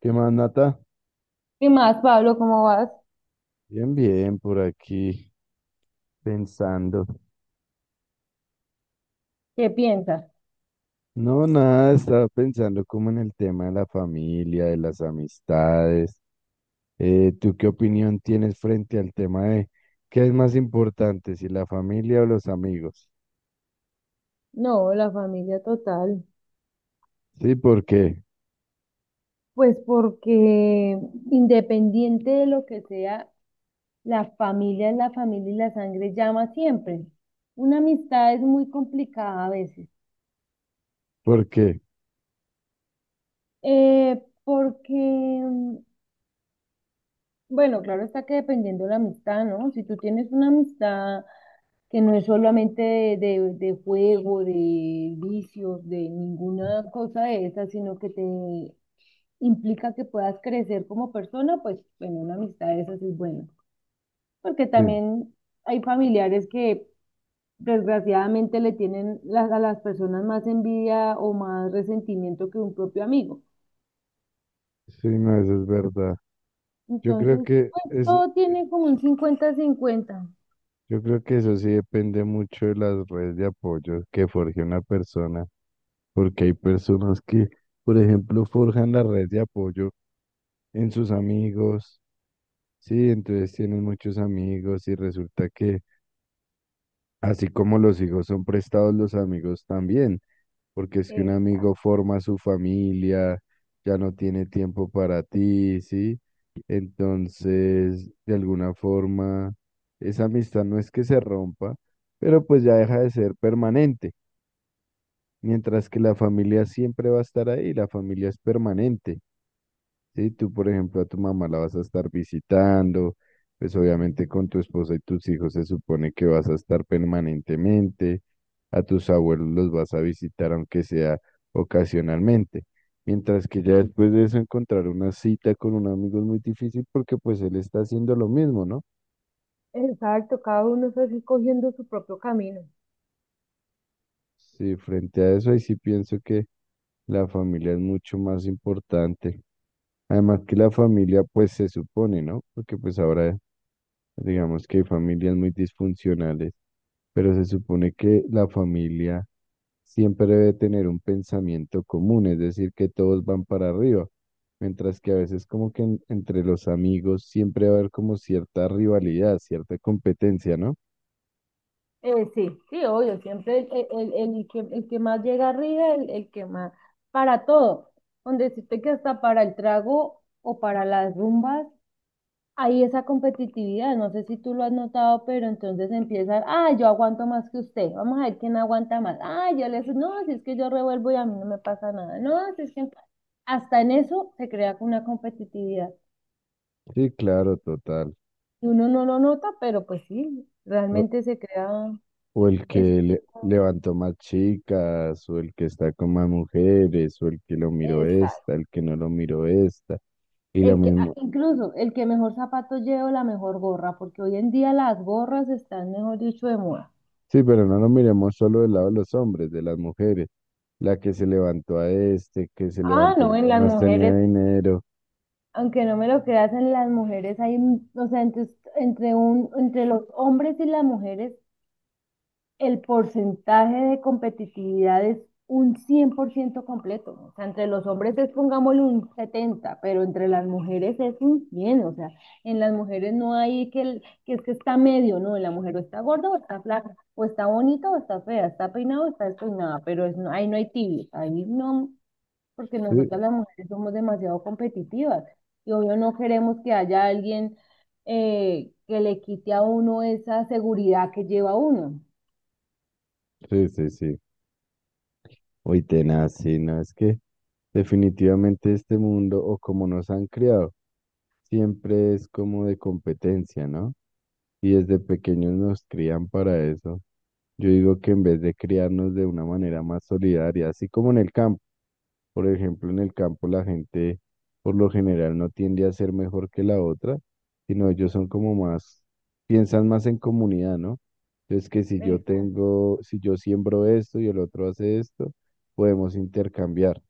¿Qué más, Nata? ¿Qué más, Pablo? ¿Cómo vas? Bien, bien, por aquí pensando. ¿Qué piensas? No, nada, estaba pensando como en el tema de la familia, de las amistades. ¿Tú qué opinión tienes frente al tema de qué es más importante, si la familia o los amigos? No, la familia total. Sí, ¿por qué? Pues porque independiente de lo que sea, la familia es la familia y la sangre llama siempre. Una amistad es muy complicada a veces. ¿Por qué? Porque, bueno, claro está que dependiendo de la amistad, ¿no? Si tú tienes una amistad que no es solamente de juego, de vicios, de ninguna cosa de esas, sino que te implica que puedas crecer como persona, pues bueno, una amistad de esas es buena. Porque Sí, también hay familiares que desgraciadamente le tienen a las personas más envidia o más resentimiento que un propio amigo. sí, no, eso es verdad. Yo creo Entonces, que pues eso, todo tiene como un 50-50, yo creo que eso sí depende mucho de las redes de apoyo que forje una persona, porque hay personas que, por ejemplo, forjan la red de apoyo en sus amigos, sí, entonces tienen muchos amigos y resulta que así como los hijos son prestados, los amigos también, porque es que un Es, amigo forma su familia, ya no tiene tiempo para ti, sí, entonces de alguna forma esa amistad no es que se rompa, pero pues ya deja de ser permanente, mientras que la familia siempre va a estar ahí, la familia es permanente. Sí, tú, por ejemplo, a tu mamá la vas a estar visitando, pues obviamente con tu esposa y tus hijos se supone que vas a estar permanentemente, a tus abuelos los vas a visitar aunque sea ocasionalmente, mientras que ya después de eso encontrar una cita con un amigo es muy difícil porque pues él está haciendo lo mismo, ¿no? exacto, cada uno está así cogiendo su propio camino. Sí, frente a eso, ahí sí pienso que la familia es mucho más importante. Además que la familia, pues se supone, ¿no? Porque pues ahora digamos que hay familias muy disfuncionales, pero se supone que la familia siempre debe tener un pensamiento común, es decir, que todos van para arriba, mientras que a veces como que entre los amigos siempre va a haber como cierta rivalidad, cierta competencia, ¿no? Sí, sí, obvio, siempre el que más llega arriba, el que más, para todo, donde decirte que hasta para el trago o para las rumbas, hay esa competitividad, no sé si tú lo has notado, pero entonces empiezan, ah, yo aguanto más que usted, vamos a ver quién aguanta más, ah, yo le no, si es que yo revuelvo y a mí no me pasa nada, no, si es que hasta en eso se crea una competitividad, Sí, claro, total. y uno no lo nota, pero pues sí, realmente se crea O el que ese levantó más chicas, o el que está con más mujeres, o el que lo miró tipo. esta, el que no lo miró esta, y lo El que, ah, mismo. incluso el que mejor zapato lleva, la mejor gorra, porque hoy en día las gorras están, mejor dicho, de moda. Sí, pero no lo miremos solo del lado de los hombres, de las mujeres. La que se levantó a este, que se Ah, levantó no, el en que las más tenía mujeres, dinero. aunque no me lo creas, en las mujeres hay, o sea, entre los hombres y las mujeres el porcentaje de competitividad es un 100% completo. O sea, entre los hombres es, pongámosle, un 70, pero entre las mujeres es un 100. O sea, en las mujeres no hay que, que es que está medio, no, en la mujer o está gorda o está flaca, o está bonita o está fea, está peinada o está despeinada, pero es, ahí no hay tibios, ahí no, porque Sí, nosotras las mujeres somos demasiado competitivas y obvio no queremos que haya alguien que le quite a uno esa seguridad que lleva uno. sí, sí, sí. Uy, tenaz, sí, no, es que definitivamente este mundo, o como nos han criado, siempre es como de competencia, ¿no? Y desde pequeños nos crían para eso. Yo digo que en vez de criarnos de una manera más solidaria, así como en el campo, por ejemplo, en el campo la gente por lo general no tiende a ser mejor que la otra, sino ellos son como más, piensan más en comunidad, ¿no? Entonces que si yo tengo, si yo siembro esto y el otro hace esto, podemos intercambiar.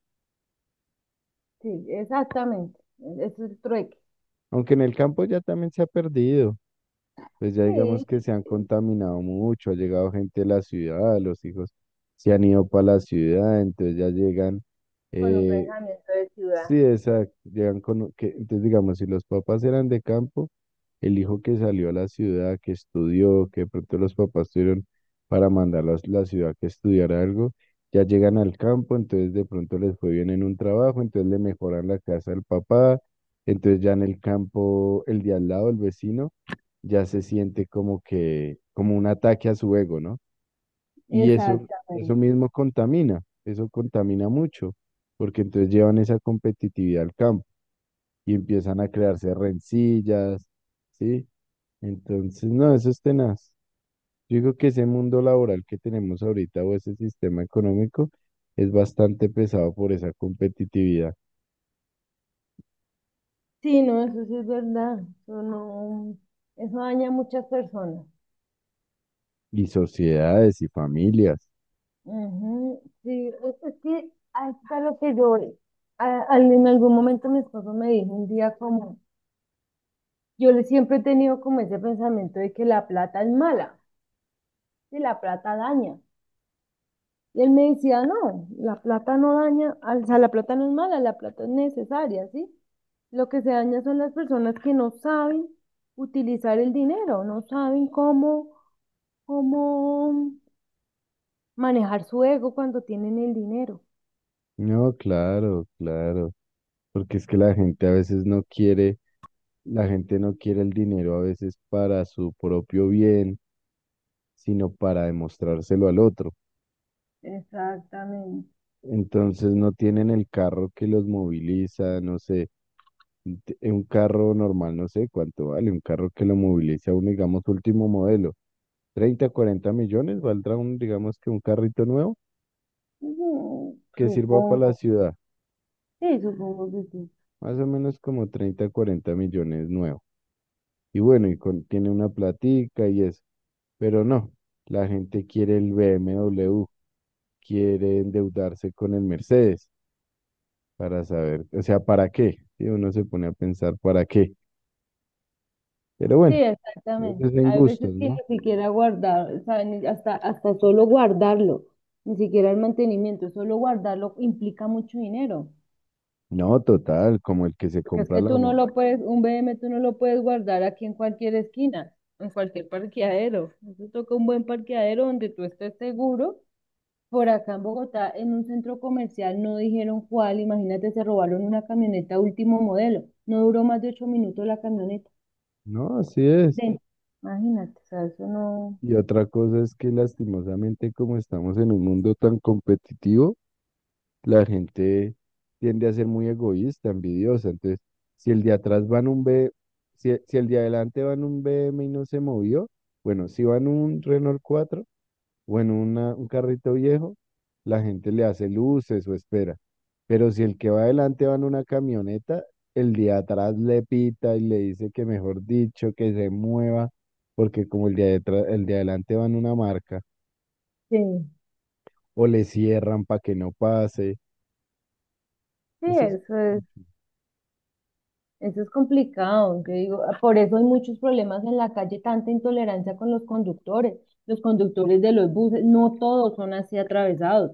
Sí, exactamente. Es el trueque. Aunque en el campo ya también se ha perdido. Pues ya digamos Sí, que se han sí, contaminado mucho, ha llegado gente de la ciudad, los hijos se han ido para la ciudad, entonces ya llegan, con un eh, pensamiento de ciudad. sí, exacto. Llegan con, que, entonces, digamos, si los papás eran de campo, el hijo que salió a la ciudad, que estudió, que de pronto los papás tuvieron para mandarlos a la ciudad que estudiara algo, ya llegan al campo, entonces de pronto les fue bien en un trabajo, entonces le mejoran la casa al papá, entonces ya en el campo, el de al lado, el vecino, ya se siente como que, como un ataque a su ego, ¿no? Y eso Exactamente. mismo contamina, eso contamina mucho, porque entonces llevan esa competitividad al campo y empiezan a crearse rencillas, ¿sí? Entonces, no, eso es tenaz. Yo digo que ese mundo laboral que tenemos ahorita o ese sistema económico es bastante pesado por esa competitividad Sí, no, eso sí es verdad. Eso no, eso daña a muchas personas. y sociedades y familias. Ujú, sí, es que hasta lo que yo, en algún momento mi esposo me dijo un día como, yo le siempre he tenido como ese pensamiento de que la plata es mala, que la plata daña. Y él me decía, no, la plata no daña, o sea, la plata no es mala, la plata es necesaria, ¿sí? Lo que se daña son las personas que no saben utilizar el dinero, no saben cómo, cómo manejar su ego cuando tienen el dinero. No, claro, claro, porque es que la gente a veces no quiere, la gente no quiere el dinero a veces para su propio bien sino para demostrárselo al otro. Exactamente. Entonces no tienen el carro que los moviliza, no sé, un carro normal, no sé cuánto vale, un carro que lo moviliza un, digamos, último modelo, 30, 40 millones, valdrá un, digamos que un carrito nuevo Ujú, que sirva para la supongo. ciudad, Sí, supongo que sí. más o menos como 30, 40 millones nuevo. Y bueno, tiene una platica y eso, pero no, la gente quiere el BMW, quiere endeudarse con el Mercedes. Para saber, o sea, ¿para qué? Sí, uno se pone a pensar para qué. Pero Sí, bueno, eso exactamente. es en Hay veces gustos, que ni ¿no? siquiera guardar, saben, hasta solo guardarlo, ni siquiera el mantenimiento, solo guardarlo implica mucho dinero. No, total, como el que se Porque es compra que la tú no moto. lo puedes, un BM tú no lo puedes guardar aquí en cualquier esquina, en cualquier parqueadero. Eso toca un buen parqueadero donde tú estés seguro. Por acá en Bogotá, en un centro comercial, no dijeron cuál. Imagínate, se robaron una camioneta último modelo. No duró más de 8 minutos la camioneta. No, así es. Dentro. Imagínate, o sea, eso no. Y otra cosa es que lastimosamente como estamos en un mundo tan competitivo, la gente tiende a ser muy egoísta, envidiosa. Entonces, si el de atrás va en un B, si el de adelante va en un BM y no se movió, bueno, si va en un Renault 4 o en un carrito viejo, la gente le hace luces o espera. Pero si el que va adelante va en una camioneta, el de atrás le pita y le dice que mejor dicho, que se mueva, porque como el de atrás, el de adelante va en una marca, Sí, o le cierran para que no pase. sí, Eso es... eso es. Eso es complicado, yo digo, ah, por eso hay muchos problemas en la calle, tanta intolerancia con los conductores de los buses, no todos son así atravesados.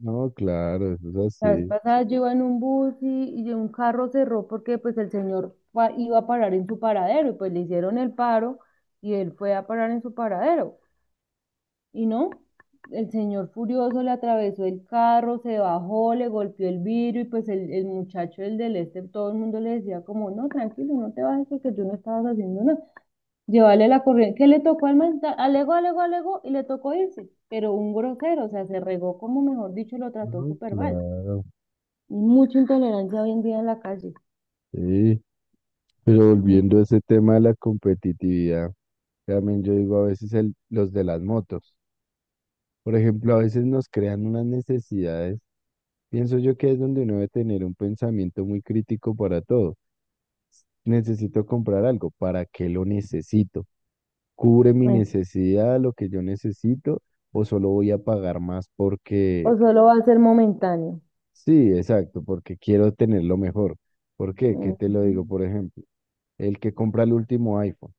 No, claro, eso es La vez así. pasada yo iba en un bus y un carro cerró porque pues el señor fue iba a parar en su paradero y pues le hicieron el paro y él fue a parar en su paradero. Y no, el señor furioso le atravesó el carro, se bajó, le golpeó el vidrio y pues el muchacho, el del este, todo el mundo le decía como, no, tranquilo, no te bajes porque tú no estabas haciendo nada. Llevarle la corriente, que le tocó al mental, alegó, alegó, alegó y le tocó irse, pero un grosero, o sea, se regó como mejor dicho, lo trató No, súper mal. claro, Y mucha intolerancia hoy en día en la calle. sí. Pero Mm. volviendo a ese tema de la competitividad, también yo digo a veces el, los de las motos. Por ejemplo, a veces nos crean unas necesidades. Pienso yo que es donde uno debe tener un pensamiento muy crítico para todo. Necesito comprar algo, ¿para qué lo necesito? ¿Cubre mi eh, necesidad, lo que yo necesito, o solo voy a pagar más porque, O solo va a ser momentáneo. sí, exacto, porque quiero tenerlo mejor? ¿Por qué? ¿Qué te lo Ujú. digo? Por ejemplo, el que compra el último iPhone.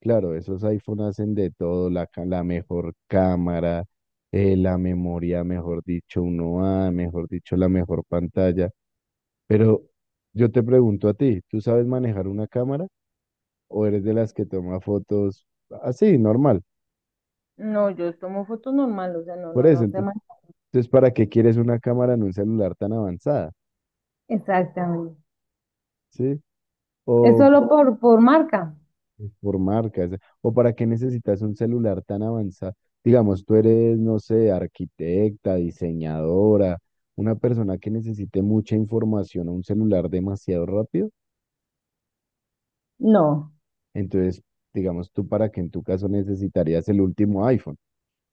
Claro, esos iPhone hacen de todo, la, la mejor cámara, la memoria, mejor dicho, uno a mejor dicho, la mejor pantalla. Pero yo te pregunto a ti, ¿tú sabes manejar una cámara o eres de las que toma fotos así, normal? No, yo tomo fotos normal, o sea, no, Por no, eso, no se man- entonces, ¿para qué quieres una cámara en un celular tan avanzada? Exactamente. ¿Sí? ¿Es O solo por marca? es por marcas. ¿O para qué necesitas un celular tan avanzado? Digamos, tú eres, no sé, arquitecta, diseñadora, una persona que necesite mucha información o un celular demasiado rápido. No. Entonces, digamos, tú para que en tu caso necesitarías el último iPhone,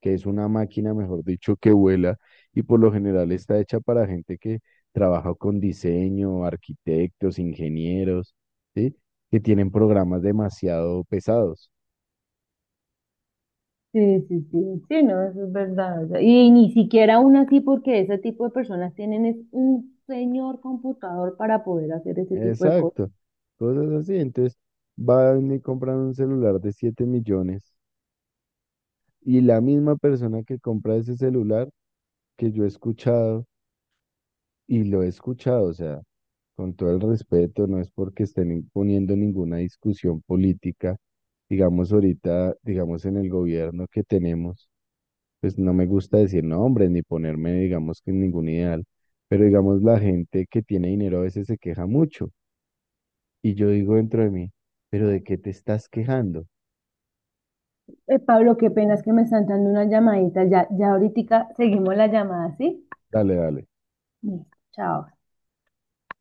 que es una máquina, mejor dicho, que vuela y por lo general está hecha para gente que trabaja con diseño, arquitectos, ingenieros, ¿sí? Que tienen programas demasiado pesados. Sí, sí, sí, sí, no, eso es verdad. O sea, y ni siquiera aún así, porque ese tipo de personas tienen es un señor computador para poder hacer ese tipo de cosas. Exacto, cosas así. Entonces, va y me compran un celular de 7 millones y la misma persona que compra ese celular que yo he escuchado y lo he escuchado, o sea, con todo el respeto, no es porque estén imponiendo ninguna discusión política, digamos ahorita, digamos en el gobierno que tenemos, pues no me gusta decir nombres ni ponerme, digamos que en ningún ideal, pero digamos la gente que tiene dinero a veces se queja mucho. Y yo digo dentro de mí, ¿pero de qué te estás quejando? Pablo, qué pena es que me están dando una llamadita. Ya, ya ahorita seguimos la llamada, ¿sí? Dale, dale. Listo, chao.